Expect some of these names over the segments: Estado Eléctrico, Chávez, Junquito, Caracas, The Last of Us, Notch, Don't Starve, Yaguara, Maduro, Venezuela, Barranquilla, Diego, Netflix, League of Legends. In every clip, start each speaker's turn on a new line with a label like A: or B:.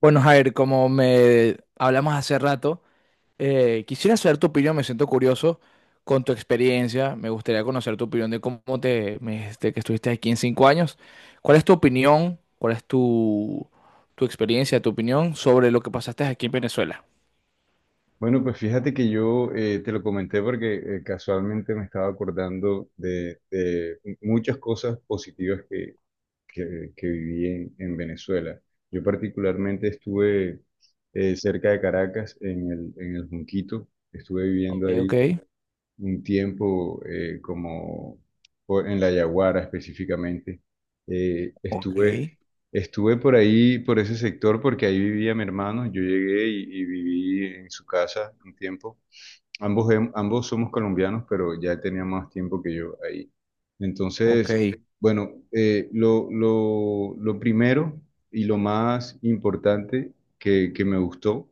A: Bueno, Jair, como me hablamos hace rato, quisiera saber tu opinión, me siento curioso con tu experiencia, me gustaría conocer tu opinión de cómo me dijiste que estuviste aquí en 5 años. ¿Cuál es tu opinión? ¿Cuál es tu experiencia, tu opinión sobre lo que pasaste aquí en Venezuela?
B: Bueno, pues fíjate que yo te lo comenté porque casualmente me estaba acordando de muchas cosas positivas que viví en Venezuela. Yo particularmente estuve cerca de Caracas, en el Junquito, estuve viviendo
A: Ok, ok.
B: ahí un tiempo como por- en la Yaguara específicamente. Eh,
A: Ok,
B: estuve, estuve por ahí, por ese sector, porque ahí vivía mi hermano. Yo llegué y viví en su casa un tiempo. Ambos, em- ambos somos colombianos, pero ya tenía más tiempo que yo ahí.
A: ok,
B: Entonces, bueno, lo primero y lo más importante que me gustó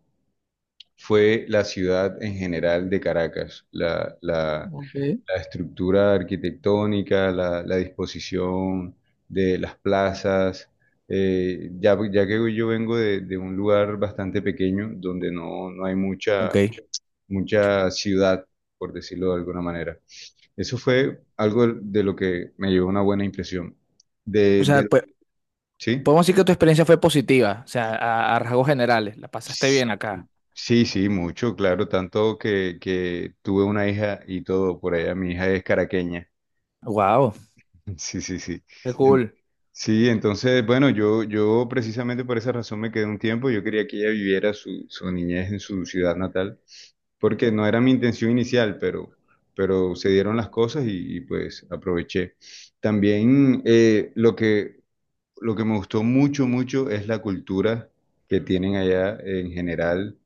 B: fue la ciudad en general de Caracas,
A: ok.
B: la estructura arquitectónica, la disposición de las plazas. Ya que yo vengo de un lugar bastante pequeño donde no hay
A: Ok.
B: mucha ciudad, por decirlo de alguna manera. Eso fue algo de lo que me llevó una buena impresión.
A: O
B: De,
A: sea,
B: de,
A: pues,
B: ¿Sí?
A: podemos decir que tu experiencia fue positiva, o sea, a rasgos generales, la pasaste
B: Sí,
A: bien acá.
B: sí, sí, mucho, claro, tanto que tuve una hija y todo por allá. Mi hija es caraqueña.
A: Wow,
B: Sí, sí, sí.
A: qué
B: En-
A: cool.
B: Sí, entonces, bueno, yo precisamente por esa razón me quedé un tiempo. Yo quería que ella viviera su niñez en su ciudad natal, porque no era mi intención inicial, pero se dieron las cosas pues aproveché. También lo que me gustó mucho, mucho es la cultura que tienen allá en general.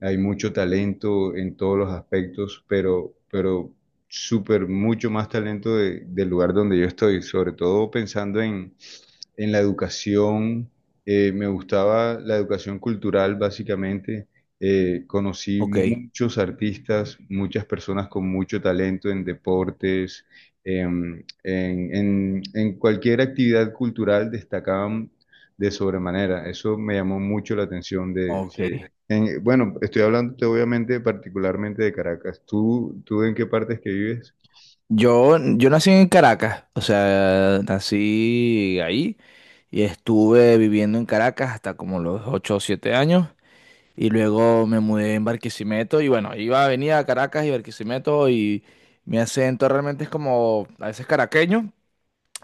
B: Hay mucho talento en todos los aspectos, pero súper mucho más talento de- del lugar donde yo estoy, sobre todo pensando en la educación. Me gustaba la educación cultural, básicamente. Conocí
A: Ok,
B: muchos artistas, muchas personas con mucho talento en deportes, en cualquier actividad cultural destacaban de sobremanera. Eso me llamó mucho la atención de
A: ok.
B: en- bueno, estoy hablando obviamente particularmente de Caracas. ¿Tú, tú en qué partes que vives?
A: Yo nací en Caracas, o sea, nací ahí y estuve viviendo en Caracas hasta como los 8 o 7 años y luego me mudé en Barquisimeto y bueno, iba, venía a Caracas y Barquisimeto y mi acento realmente es como a veces caraqueño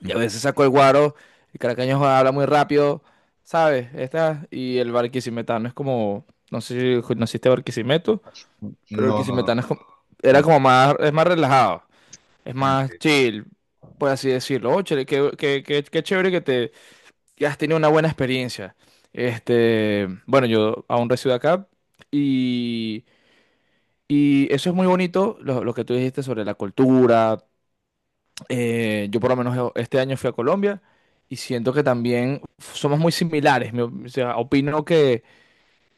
A: y
B: Mm.
A: a veces saco el guaro, el caraqueño habla muy rápido, ¿sabes? Esta, y el barquisimetano es como, no sé si naciste Barquisimeto, pero el
B: No, no, no.
A: barquisimetano es como, era
B: No.
A: como más, es más relajado. Es más
B: Ok.
A: chill, por así decirlo. Oh, chévere, qué chévere que te que has tenido una buena experiencia. Este, bueno, yo aún resido acá y, y eso es muy bonito, lo que tú dijiste sobre la cultura. Yo por lo menos este año fui a Colombia y siento que también somos muy similares. O sea, opino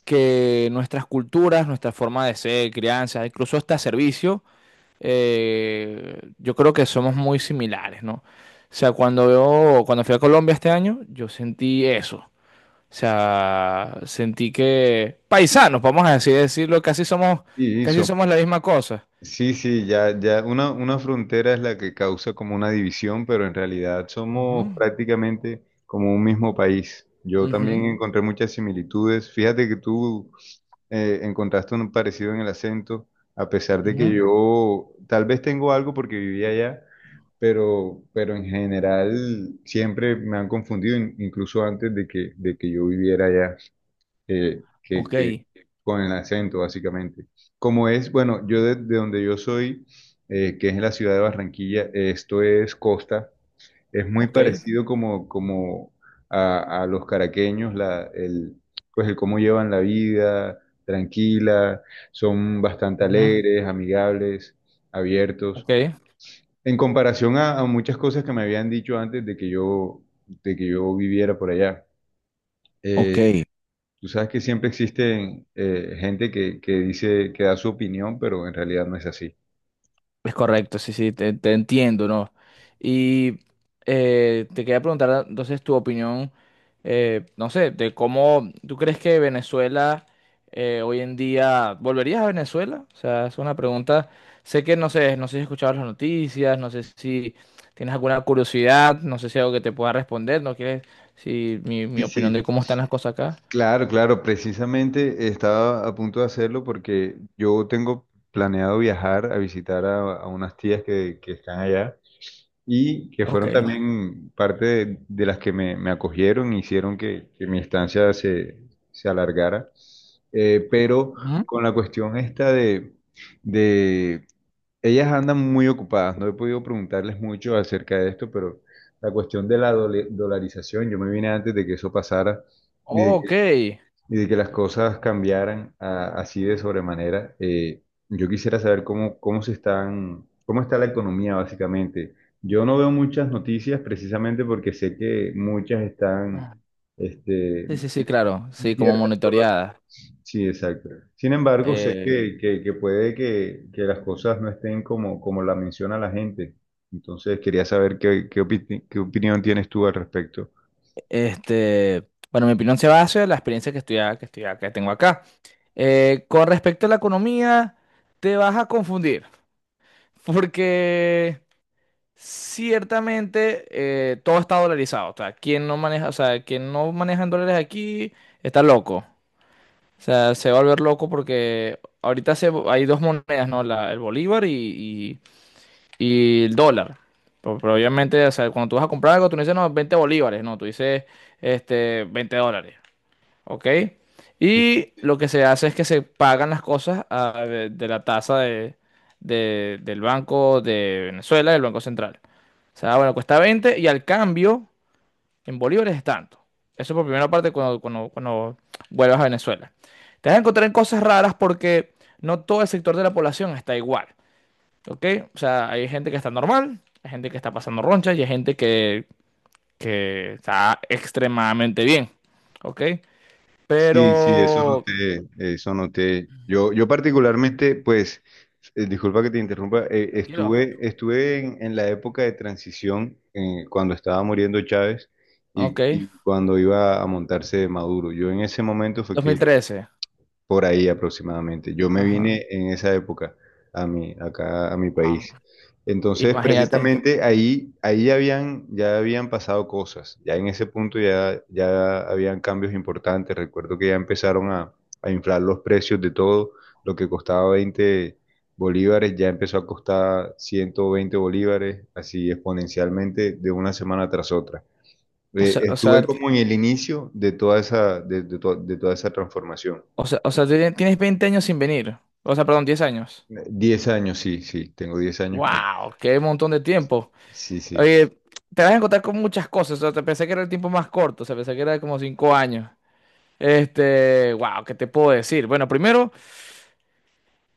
A: que nuestras culturas, nuestra forma de ser, crianza, incluso hasta servicio yo creo que somos muy similares, ¿no? O sea, cuando veo, cuando fui a Colombia este año, yo sentí eso. O sea, sentí que paisanos, vamos a decir, decirlo,
B: Y, y
A: casi
B: son
A: somos la misma cosa.
B: Sí, sí, ya una frontera es la que causa como una división, pero en realidad
A: Ujú.
B: somos prácticamente como un mismo país. Yo
A: Ujú,
B: también encontré muchas similitudes. Fíjate que tú encontraste un parecido en el acento, a pesar de que
A: ujú.
B: yo tal vez tengo algo porque vivía allá, pero en general siempre me han confundido, in- incluso antes de de que yo viviera allá
A: Ok,
B: que Con el acento, básicamente. Como es, bueno, yo de donde yo soy, que es en la ciudad de Barranquilla, esto es costa, es muy
A: ok,
B: parecido como, como a los caraqueños, la, el, pues el cómo llevan la vida, tranquila, son bastante
A: ujú,
B: alegres, amigables, abiertos.
A: ok.
B: En comparación a muchas cosas que me habían dicho antes de que de que yo viviera por allá.
A: Ok.
B: Eh, Tú sabes que siempre existe gente que dice que da su opinión, pero en realidad no es así.
A: Es correcto, sí, sí, te entiendo, ¿no? Y te quería preguntar entonces tu opinión, no sé, de cómo tú crees que Venezuela hoy en día, ¿volverías a Venezuela? O sea, es una pregunta, sé que no sé, no sé si has escuchado las noticias, no sé si tienes alguna curiosidad, no sé si hay algo que te pueda responder, ¿no quieres? Si mi
B: Sí,
A: opinión
B: sí.
A: de cómo están las cosas acá.
B: Claro, claro, precisamente estaba a punto de hacerlo porque yo tengo planeado viajar a visitar a unas tías que están allá y que fueron
A: Ok.
B: también parte de las que me acogieron y hicieron que mi estancia se alargara. Pero
A: Ujú.
B: con la cuestión esta de ellas andan muy ocupadas, no he podido preguntarles mucho acerca de esto, pero la cuestión de la dole- dolarización, yo me vine antes de que eso pasara y de
A: Ok.
B: y de que las cosas cambiaran a- así de sobremanera. Yo quisiera saber cómo, cómo se están, cómo está la economía básicamente. Yo no veo muchas noticias precisamente porque sé que muchas están
A: Ah,
B: este,
A: sí, sí, sí, claro, sí, como
B: inciertas.
A: monitoreada.
B: Sí, exacto. Sin embargo, sé que puede que las cosas no estén como, como la menciona la gente. Entonces, quería saber qué, qué, opi- qué opinión tienes tú al respecto.
A: Este, bueno, mi opinión se basa en la experiencia que tengo acá. Con respecto a la economía, te vas a confundir, porque ciertamente todo está dolarizado. O sea, quien no maneja, o sea, quien no maneja en dólares aquí está loco. O sea, se va a volver loco porque ahorita se, hay dos monedas, ¿no? El bolívar y- y el dólar. Pero obviamente, o sea, cuando tú vas a comprar algo, tú no dices, no, 20 bolívares, no, tú dices, este, 20 dólares. ¿Ok? Y lo que se hace es que se pagan las cosas ah, de la tasa del Banco de Venezuela, del Banco Central. O sea, bueno, cuesta 20 y al cambio en bolívares es tanto. Eso por primera parte cuando, cuando, cuando vuelvas a Venezuela. Te vas a encontrar en cosas raras porque no todo el sector de la población está igual, ¿ok? O sea, hay gente que está normal, hay gente que está pasando roncha y hay gente que está extremadamente bien, ¿ok?
B: Sí, sí, eso
A: Pero
B: noté, eso noté. Yo particularmente, pues, disculpa que te interrumpa,
A: tranquilo.
B: estuve en la época de transición, cuando estaba muriendo Chávez
A: Ok.
B: y cuando iba a montarse Maduro. Yo en ese momento fue
A: dos
B: que
A: mil
B: yo
A: trece
B: por ahí aproximadamente. Yo me
A: Ajá.
B: vine en esa época a mi, acá a mi
A: Ah,
B: país. Entonces,
A: imagínate.
B: precisamente ahí, ahí habían, ya habían pasado cosas. Ya en ese punto ya, ya habían cambios importantes. Recuerdo que ya empezaron a inflar los precios de todo. Lo que costaba 20 bolívares ya empezó a costar 120 bolívares, así exponencialmente de una semana tras otra.
A: O sea,
B: Estuve
A: t-
B: como en el inicio de toda esa, de to- de toda esa transformación.
A: o sea, tiene- Tienes 20 años sin venir. O sea, perdón, 10 años.
B: 10 años, sí, sí, tengo 10 años que...
A: Wow, qué montón de tiempo.
B: Sí, sí,
A: Oye, te vas a encontrar con muchas cosas. O sea, te pensé que era el tiempo más corto. O sea, pensé que era como 5 años. Este, wow, ¿qué te puedo decir? Bueno, primero.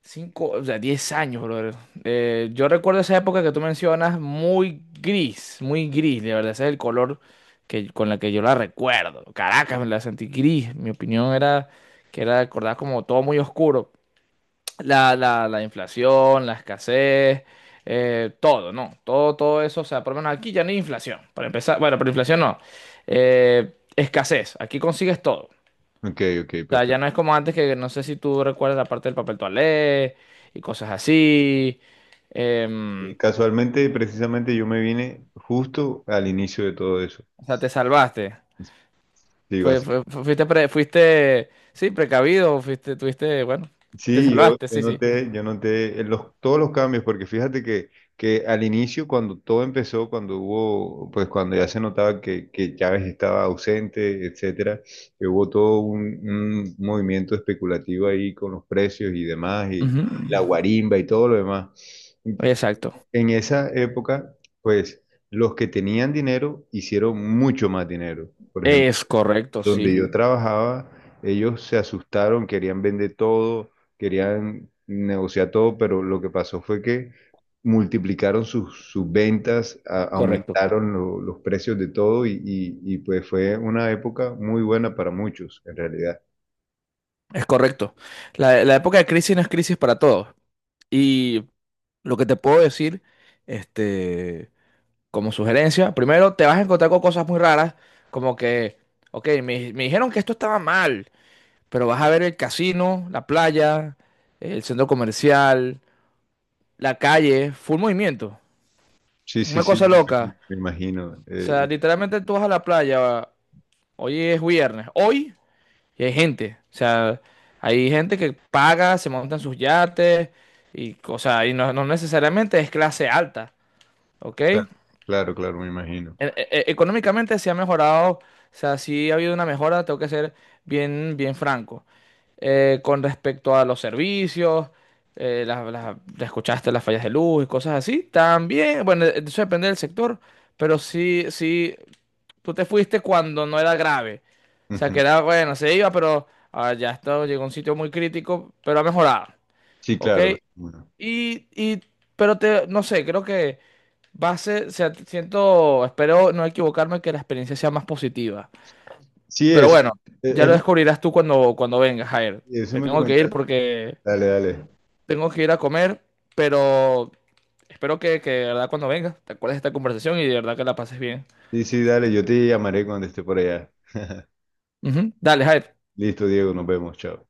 A: Cinco, o sea, 10 años, brother. Yo recuerdo esa época que tú mencionas muy gris, de verdad, ese es el color que, con la que yo la recuerdo. Caracas, me la sentí gris. Mi opinión era que era recordar como todo muy oscuro. La inflación, la escasez, todo, ¿no? Todo, todo eso, o sea, por lo menos aquí ya no hay inflación, para empezar. Bueno, pero inflación no. Escasez, aquí consigues todo
B: ok, ok,
A: sea, ya
B: perfecto.
A: no es como antes que no sé si tú recuerdas la parte del papel toalé y cosas así.
B: Y
A: Em,
B: casualmente, precisamente, yo me vine justo al inicio de todo eso.
A: o sea, te salvaste.
B: Sí, básicamente.
A: Fuiste, sí, precavido, fuiste, tuviste, bueno, te
B: Sí, yo,
A: salvaste, sí, sí.
B: yo noté todos los cambios, porque fíjate que al inicio, cuando todo empezó, cuando hubo, pues cuando ya se notaba que Chávez estaba ausente, etcétera, que hubo todo un movimiento especulativo ahí con los precios y demás, y
A: Ujú.
B: la guarimba y todo lo demás.
A: Exacto.
B: En esa época, pues los que tenían dinero hicieron mucho más dinero. Por ejemplo,
A: Es correcto,
B: donde
A: sí,
B: yo trabajaba, ellos se asustaron, querían vender todo, querían negociar todo, pero lo que pasó fue que multiplicaron sus, sus ventas, a-
A: correcto.
B: aumentaron lo- los precios de todo y, pues fue una época muy buena para muchos, en realidad.
A: Es correcto. La época de crisis no es crisis para todos. Y lo que te puedo decir, este... como sugerencia, primero te vas a encontrar con cosas muy raras, como que, ok, me dijeron que esto estaba mal, pero vas a ver el casino, la playa, el centro comercial, la calle, full movimiento.
B: Sí, sí,
A: Una
B: sí,
A: cosa
B: me
A: loca.
B: imagino. Me imagino,
A: O sea,
B: y-
A: literalmente tú vas a la playa, hoy es viernes, hoy, y hay gente. O sea, hay gente que paga, se monta en sus yates, o sea, y no, no necesariamente es clase alta, ¿ok?
B: claro, claro, claro, me imagino.
A: Económicamente se ha mejorado, o sea, sí ha habido una mejora, tengo que ser bien, bien franco. Con respecto a los servicios, ya escuchaste las fallas de luz y cosas así, también, bueno, eso depende del sector, pero sí, sí, tú te fuiste cuando no era grave. O sea,
B: Ujú.
A: que era, bueno, se iba, pero ah, ya está, llegó a un sitio muy crítico, pero ha mejorado,
B: Sí,
A: ¿ok?
B: claro.
A: Y, y, pero te, no sé, creo que... Va a ser, o sea, siento, espero no equivocarme que la experiencia sea más positiva.
B: Sí,
A: Pero bueno, ya
B: es
A: lo
B: lo
A: descubrirás tú cuando, cuando vengas, Jair.
B: que eso
A: Me
B: me
A: tengo que ir
B: comentaron.
A: porque
B: Dale, dale.
A: tengo que ir a comer, pero espero que de verdad cuando vengas te acuerdes de esta conversación y de verdad que la pases bien.
B: Sí, sí, dale, yo te llamaré cuando esté por allá.
A: Ujú. Dale, Jair.
B: Listo, Diego, nos vemos, chao.